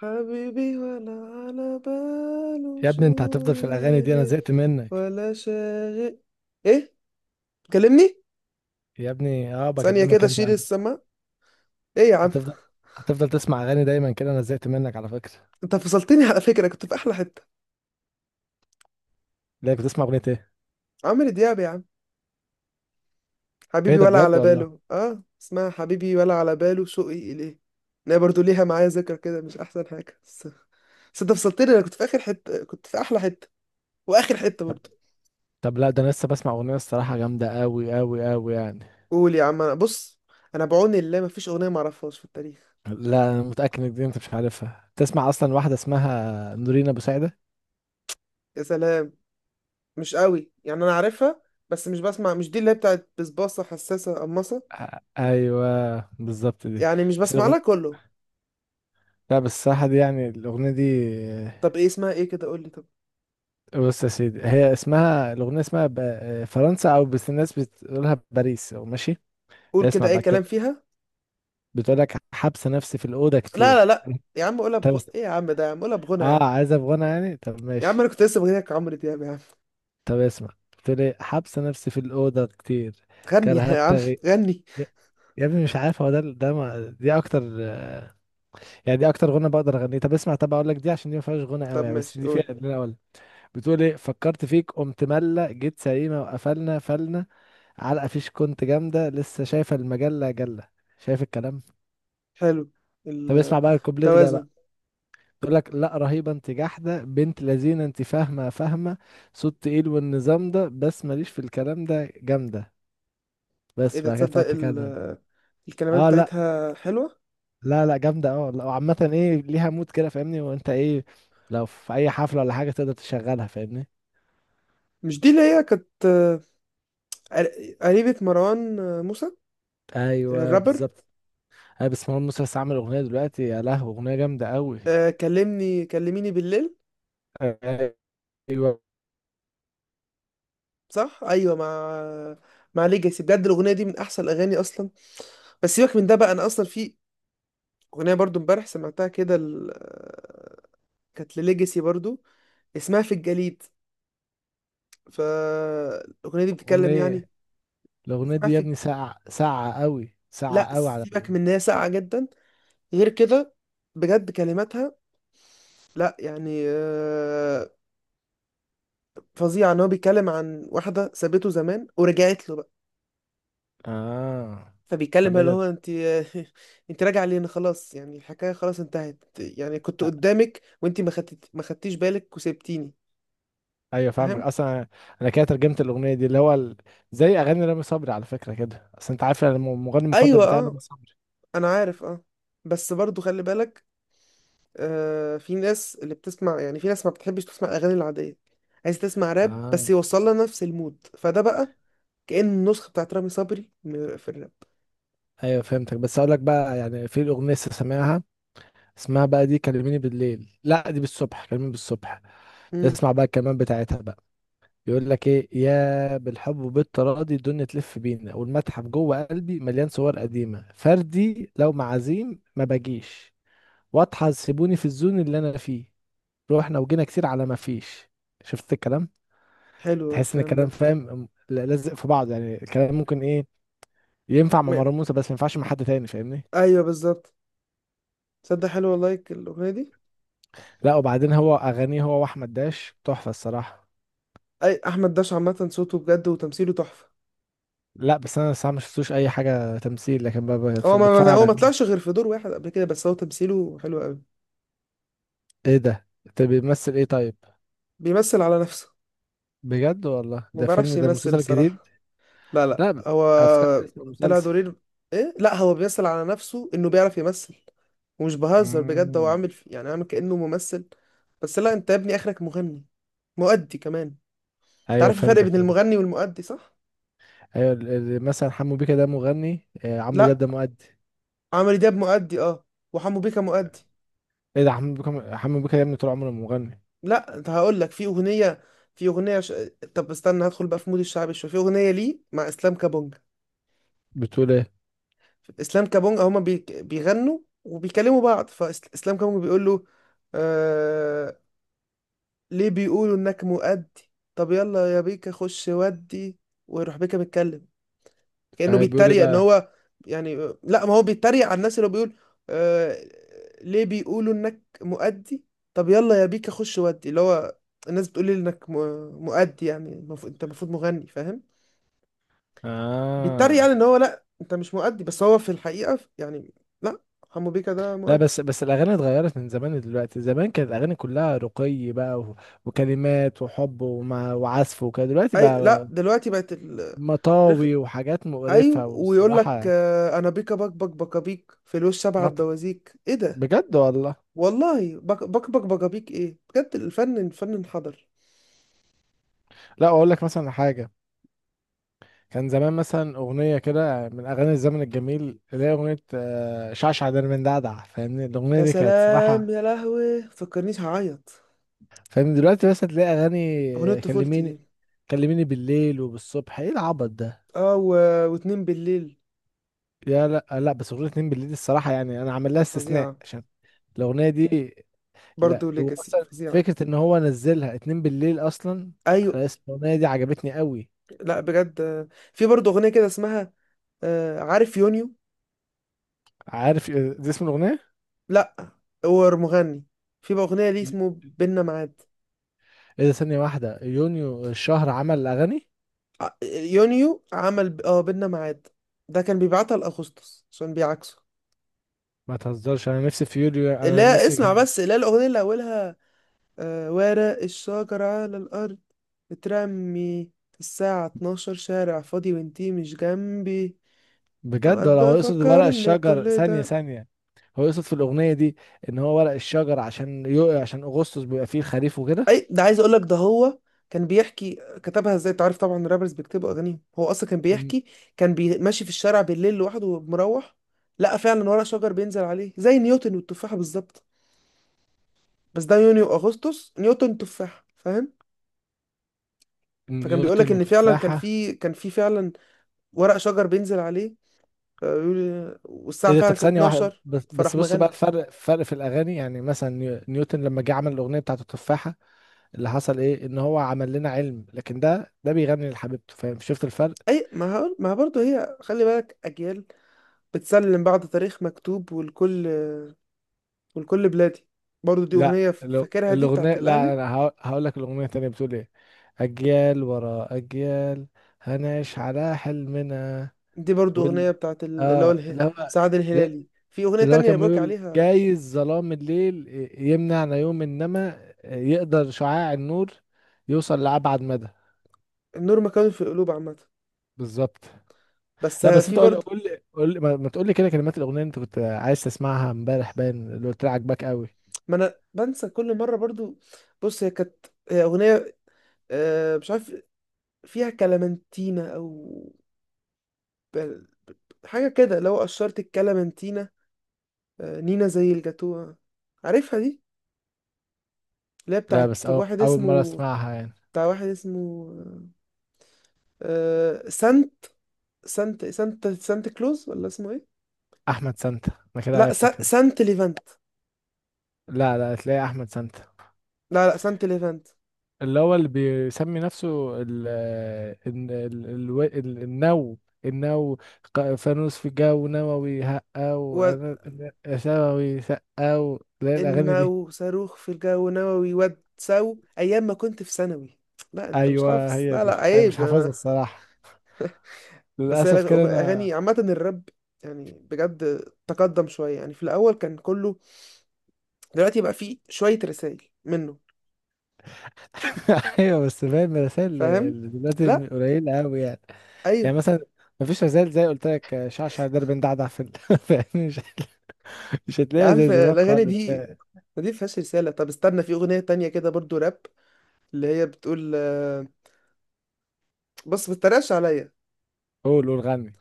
حبيبي ولا على باله يا شو. ابني، انت هتفضل في الاغاني دي؟ انا يلي. زهقت منك. ولا شاغل. ايه. كلمني. يا ابني، اه، ثانية بكلمك كده انت. شيل السماء. ايه يا عم. هتفضل هتفضل تسمع اغاني دايما كده؟ انا زهقت منك على فكره. انت فصلتني على فكرة، كنت في احلى حتة. ليه؟ بتسمع اغنيه ايه؟ عمرو دياب يا عم. ايه حبيبي ده؟ ولا بجد على والله. باله، اسمها حبيبي ولا على باله شوقي اليه. انا برضو ليها معايا ذكرى كده، مش احسن حاجة بس. بس انت فصلتني، انا كنت في اخر حتة، كنت في احلى حتة. واخر حتة طب برضو. طب لا، ده انا لسه بسمع اغنيه، الصراحه جامده قوي قوي قوي يعني. قول يا عم، انا بص. انا بعون الله مفيش اغنية معرفهاش في التاريخ. لا، انا متاكد ان دي انت مش عارفها تسمع اصلا، واحده اسمها نورين ابو سعده. يا سلام. مش قوي يعني، انا عارفها. بس مش دي اللي هي بتاعت بسباصة حساسة قماصة. آه، ايوه بالظبط دي. يعني مش بس بسمع الاغنيه، لها كله. لا بس الصراحه دي، يعني الاغنيه دي، طب ايه اسمها، ايه كده قول لي طب. بص يا سيدي، هي اسمها الاغنيه، اسمها فرنسا، او بس الناس بتقولها باريس، ماشي. قول كده اسمع اي بقى كلام الكلام. فيها. بتقول لك حبس نفسي في الأوضة لا لا كتير. لا. يا عم قولها طب اس- ايه يا عم، ده يا عم قولها بغنى يا عم. اه، عايز أبغانا يعني، طب يا ماشي. عم انا كنت لسه بغنيك عمرو دياب يا عم. طب اسمع، بتقول ايه، حبس نفسي في الأوضة كتير، غني كرهت يا عم. تغي... غني. يا يا ابني مش عارف، هو ده ده ما... دي أكتر، يعني دي أكتر غنى بقدر أغنيه. طب اسمع، طب أقول لك، دي عشان دي ما فيهاش غنى قوي طب يعني، بس ماشي دي فيها قول. اللي أنا أقول. بتقول ايه، فكرت فيك قمت ملة جيت سليمة وقفلنا فلنا، علقة فيش كنت جامدة لسه شايفة المجلة جلة. شايف الكلام؟ حلو. طب اسمع بقى الكوبليه ده التوازن. بقى. تقول لك، لا رهيبه انت، جحده بنت لذينه، انت فاهمه فاهمه، صوت تقيل والنظام ده، بس ماليش في الكلام ده، جامده. ايه بس ده، بعد كده تصدق تقعد تتكلم. الكلمات اه، لا، بتاعتها حلوة. لا، لا جامده، اه، لا، وعامه ايه، ليها مود كده فاهمني، وانت ايه، لو في اي حفله ولا حاجه تقدر تشغلها، فاهمني. مش دي اللي هي كانت، قريبة مروان موسى، ايوه الرابر. بالظبط. ايوه، بس مروان موسى لسه عامل اغنيه دلوقتي، يا لهوي، اغنيه جامده قوي. كلميني بالليل. ايوه. صح، ايوه، مع ليجاسي. بجد الاغنيه دي من احسن الاغاني اصلا. بس سيبك من ده بقى، انا اصلا في اغنيه برضو امبارح سمعتها كده، كانت لليجاسي برضو. اسمها في الجليد. فالاغنيه دي بتتكلم يعني. اغنيه الاغنيه اسمها دي يا في ابني الج... ساعه ساعه قوي لا ساعه قوي على. سيبك من ان هي ساقعه جدا. غير كده، بجد كلماتها. لا يعني فظيعه. ان هو بيتكلم عن واحده سابته زمان ورجعت له. اه. فبيتكلم طب ايه اللي ده؟ هو انت. انت راجع لين خلاص يعني، الحكايه خلاص انتهت، يعني كنت قدامك وانت ما خدتيش بالك وسبتيني. ايوه فاهمك فاهم. اصلا، انا كده ترجمت الاغنيه دي، زي اغاني رامي صبري على فكره، كده اصل انت عارف أنا المغني المفضل ايوه بتاعي اه. رامي صبري. انا عارف اه. بس برضو خلي بالك. في ناس اللي بتسمع، يعني في ناس ما بتحبش تسمع الاغاني العاديه. عايز تسمع راب اه. بس يوصل لها نفس المود، فده بقى كأن النسخه بتاعت رامي صبري في الراب. ايوه فهمتك، بس اقول لك بقى، يعني في الاغنيه لسه سامعها، اسمها بقى دي كلميني بالليل، لا دي بالصبح، كلميني بالصبح. امم. اسمع بقى الكلمات بتاعتها بقى. بيقول لك ايه، يا بالحب وبالتراضي الدنيا تلف بينا، والمتحف جوه قلبي مليان صور قديمه، فردي لو معازيم ما باجيش، واضحى سيبوني في الزون اللي انا فيه، روحنا وجينا كتير على ما فيش. شفت الكلام؟ حلو تحس ان الكلام الكلام ده. فاهم، لازق في بعض، يعني الكلام ممكن ايه، ينفع مع م- مروان موسى بس ما ينفعش مع حد تاني، فاهمني. ايوه بالظبط. تصدق حلو والله الاغنيه دي. لا، وبعدين هو اغانيه، هو واحمد داش تحفه الصراحه. اي، احمد داش عامه صوته بجد وتمثيله تحفه. لا، بس انا الصراحه ما شفتوش اي حاجه تمثيل، لكن بتفرج هو على. ما طلعش غير في دور واحد قبل كده، بس هو تمثيله حلو قوي. ايه ده؟ انت بيمثل ايه طيب؟ بيمثل على نفسه. بجد والله؟ ما ده بيعرفش فيلم، ده يمثل مسلسل جديد؟ بصراحة. لا لا لا ب- هو افتكرت اسم طلع المسلسل. دورين. ايه لا، هو بيمثل على نفسه انه بيعرف يمثل. ومش بهزر بجد، هو امم. عامل كأنه ممثل. بس لا، انت يا ابني اخرك مغني. مؤدي كمان. انت ايوه عارف الفرق فهمتك بين فهمت. المغني والمؤدي صح؟ ايوه، مثلا حمو بيكا ده مغني، عمرو دياب لا، ده مؤدي. عمرو دياب مؤدي اه. وحمو بيكا مؤدي. ايه ده، حمو بيكا، حمو بيكا يا ابني طول عمره مغني. لا انت هقول لك في اغنيه، في اغنيه ش... طب استنى هدخل بقى في مود الشعبي شويه. في اغنيه ليه مع اسلام كابونج. بتقول ايه؟ اسلام كابونجا بيغنوا وبيكلموا بعض، فاسلام كابونجا بيقول له، آه... ليه بيقولوا انك مؤدي؟ طب يلا يا بيكا خش ودي. ويروح بيكا متكلم كأنه بيقول ايه بيتريق، ان بقى؟ هو يعني. لا، ما هو بيتريق على الناس، اللي هو بيقول، آه... ليه بيقولوا انك مؤدي؟ طب يلا يا بيكا خش ودي. اللي هو الناس بتقول لي انك مؤدي، يعني انت المفروض مغني، فاهم؟ بيتريق اه، يعني ان هو، لا انت مش مؤدي، بس هو في الحقيقة يعني. لا، حمو بيكا ده لا، مؤدي. بس الاغاني اتغيرت من زمان. دلوقتي، زمان كانت الاغاني كلها رقي بقى، و... وعزف وكده. دلوقتي اي لا، بقى رخ... مطاوي وحاجات ايوه، مقرفة ويقول لك والصراحة انا بيكا بك بك بكابيك في الوش سبعة مط... بوازيك. ايه ده؟ بجد والله. والله بك بك بك بكابيك. ايه بجد، الفن الفن انحدر. لا، اقول لك مثلا حاجة، كان زمان مثلا اغنية كده من اغاني الزمن الجميل اللي هي اغنية شعشع درمندعدع، فاهمني، الاغنية يا دي كانت سلام، صراحة يا لهوي فكرنيش هعيط. فاهم. دلوقتي بس هتلاقي اغنية اغاني طفولتي دي. كلميني، كلميني بالليل وبالصبح، ايه العبط ده؟ اه واتنين بالليل. لا، لا، بس اغنيه اتنين بالليل دي الصراحه يعني انا عامل لها استثناء فظيعة. عشان الاغنيه دي. لا، برضو هو ليجاسي اصلا فظيعة. فكره ان هو نزلها اتنين بالليل اصلا ايوه. على اسم الاغنيه دي، عجبتني قوي. لا بجد، في برضو اغنية كده اسمها، عارف يونيو. عارف إيه ده اسم الاغنيه؟ لا هو مغني. في بقى اغنية ليه اسمه بينا معاد. ايه ده، ثانيه واحده، يونيو الشهر عمل اغاني؟ يونيو عمل بينا ميعاد. ده كان بيبعتها لاغسطس عشان بيعكسه. ما تهزرش، انا نفسي في يوليو، انا لا نفسي. اسمع بس، لا الاغنيه اللي اولها، ورق الشجر على الارض بترمي، الساعه 12 شارع فاضي وانتي مش جنبي. بجد اوقات ولا هو يقصد ورق بفكر ان الشجر؟ كل ثانية ده، ثانية، هو يقصد في الأغنية دي إن هو ورق الشجر عشان يقع عشان أغسطس بيبقى فيه الخريف وكده. اي ده عايز اقولك ده هو كان بيحكي. كتبها ازاي، تعرف طبعا الرابرز بيكتبوا اغانيهم، هو اصلا كان ن- بيحكي. ماشي في الشارع بالليل لوحده ومروح، لقى فعلا ورق شجر بينزل عليه زي نيوتن والتفاحه بالظبط. بس ده يونيو واغسطس، نيوتن تفاح، فاهم؟ فكان بيقول لك نيوتن ان فعلا كان وتفاحة. في كان في فعلا ورق شجر بينزل عليه. والساعه إيه ده؟ فعلا طب كانت ثانية واحدة، 12. بس فراح بس بص بقى، مغني. الفرق فرق في الأغاني، يعني مثلا نيوتن لما جه عمل الأغنية بتاعت التفاحة، اللي حصل إيه، إن هو عمل لنا علم، لكن ده بيغني لحبيبته، فاهم؟ شفت الفرق؟ اي ما هقول، ما برضه هي خلي بالك، اجيال بتسلم بعض، تاريخ مكتوب. والكل بلادي، برضه دي لا، اغنيه فاكرها، دي الأغنية، بتاعت لا الاهلي. أنا هقول لك الأغنية التانية بتقول إيه، أجيال ورا أجيال، هنعيش على حلمنا، دي برضه اغنيه وال بتاعت اللي هو اه اللي هو سعد لا- الهلالي. في اغنيه اللي هو تانية كان بيقولك بيقول عليها، جايز ظلام الليل يمنع نيوم، انما يقدر شعاع النور يوصل لأبعد مدى. النور مكان في القلوب عامه. بالظبط. بس لا بس في انت قول لي برضه، قول لي قول لي، ما تقول لي كده كلمات الاغنيه اللي انت كنت عايز تسمعها امبارح، باين اللي قلت لي عاجباك قوي. ما انا بنسى كل مره برضو. بص، هي اغنيه مش عارف، فيها كلامنتينا او بل- حاجه كده، لو قشرت الكلامنتينا، نينا زي الجاتوه. عارفها دي؟ اللي هي لا، بتاعت بس واحد اول مره اسمه، اسمعها يعني. بتاع واحد اسمه سانت، سانت كلوز، ولا اسمه ايه؟ احمد سانتا، انا كده لا عرفتك كده. سانت ليفانت. لا، لا، تلاقي احمد سانتا. لا لا سانت ليفانت. اللي بيسمي نفسه ال ال ال ال ال النو النو ق- فانوس في الجو نووي هقة، وأنا ثووي سقة اللي هي الأغاني دي. النو صاروخ في الجو نووي ود سو ايام ما كنت في ثانوي. لا انت مش أيوه، حافظ، هي لا دي، لا أنا مش عيب حافظها انا. الصراحة، بس هي للأسف كده أنا. اغاني عامه الراب يعني بجد تقدم شويه، يعني في الاول كان كله. دلوقتي بقى فيه شويه رسائل منه. أيوه، بس فاهم الرسائل اللي فاهم. اللي دلوقتي لا. قليلة أوي يعني. ايوه. يعني مثلا، مفيش رسائل زي قلت لك شعشع درب دعدع في فاهم، مش مش يا هتلاقي عم زي زمان الاغاني خالص. دي، ما دي فيهاش رساله. طب استنى، في اغنيه تانية كده برضو راب، اللي هي بتقول بص، ما تتريقش عليا، قول، قول، غني.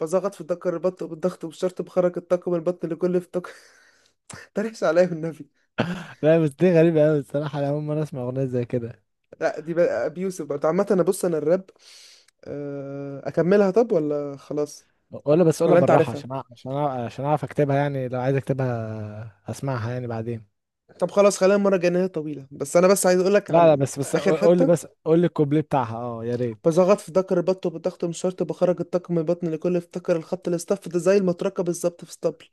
بزغط في الدكر البط بالضغط والشرط بخرج الطاقم البطن لكل في طاقم. تريقش عليا والنبي. لا بس دي غريبة أوي الصراحة، أنا أول مرة أسمع أغنية زي كده. لا دي بقى ابي يوسف برضه عامة. انا بص، انا الراب اكملها طب ولا خلاص؟ قولها، بس قولها ولا انت بالراحة عارفها؟ عشان عشان أعرف أكتبها يعني، لو عايز أكتبها أسمعها يعني بعدين. طب خلاص خلينا المرة الجاية، إن هي طويلة. بس انا بس عايز اقولك لا، لا، عن بس اخر قول لي، بس حتة. قول لي الكوبليه بتاعها، أه يا ريت. بزغط في ذكر البط بالضغط من شرط بخرج الطاقم من البطن لكل افتكر الخط الاصطف ده زي المطرقة بالظبط في اسطبل.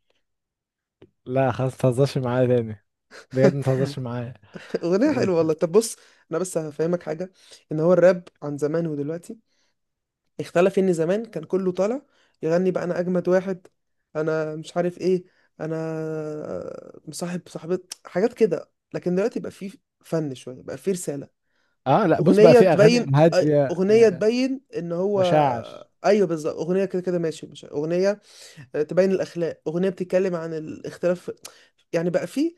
لا خلاص متهزرش معايا تاني، بجد متهزرش معايا. اغنية حلوة والله. طب بص، انا بس هفهمك حاجة، ان هو الراب عن زمان ودلوقتي اختلف، ان زمان كان كله طالع يغني بقى انا اجمد واحد، انا مش عارف ايه، انا مصاحب صاحبة، حاجات كده. لكن دلوقتي بقى فيه فن شوية، بقى فيه رسالة. أه، لا، بص بقى في أغاني هادية، اغنية تبين ان هو، مشاعر. ايوه بالظبط. اغنية كده كده ماشي، مش اغنية تبين الاخلاق، اغنية بتتكلم عن الاختلاف. يعني بقى فيه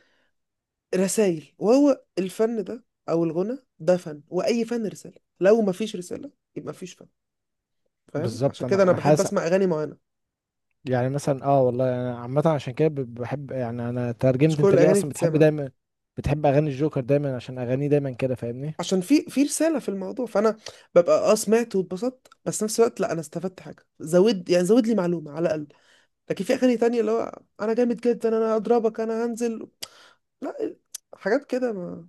رسائل. وهو الفن ده او الغنى ده فن، واي فن رسالة، لو مفيش رسالة يبقى مفيش فن. فاهم، بالظبط، عشان كده أنا انا أنا بحب حاسس، اسمع اغاني معينة. يعني مثلا، والله أنا عامة عشان كده بحب يعني، أنا مش ترجمت، كل أنت ليه الاغاني أصلا بتحب تتسمع. دايما، بتحب أغاني الجوكر دايما عشان أغانيه دايما كده، فاهمني. عشان في رساله في الموضوع. فانا ببقى سمعت واتبسطت، بس نفس الوقت لا، انا استفدت حاجه زود، يعني زود لي معلومه على الاقل. لكن في اغاني تانية اللي هو، انا جامد جدا، انا اضربك، انا هنزل، لا حاجات كده ما.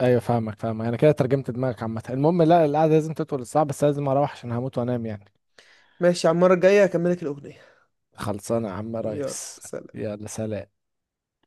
ايوه فاهمك فاهمك، انا كده ترجمت دماغك عامه. المهم، لا، القعده لازم تطول الساعه، بس لازم اروح عشان هموت وانام يعني. ماشي، على المره الجايه اكملك الاغنيه. خلصانه يا عم يلا ريس. سلام. يلا سلام.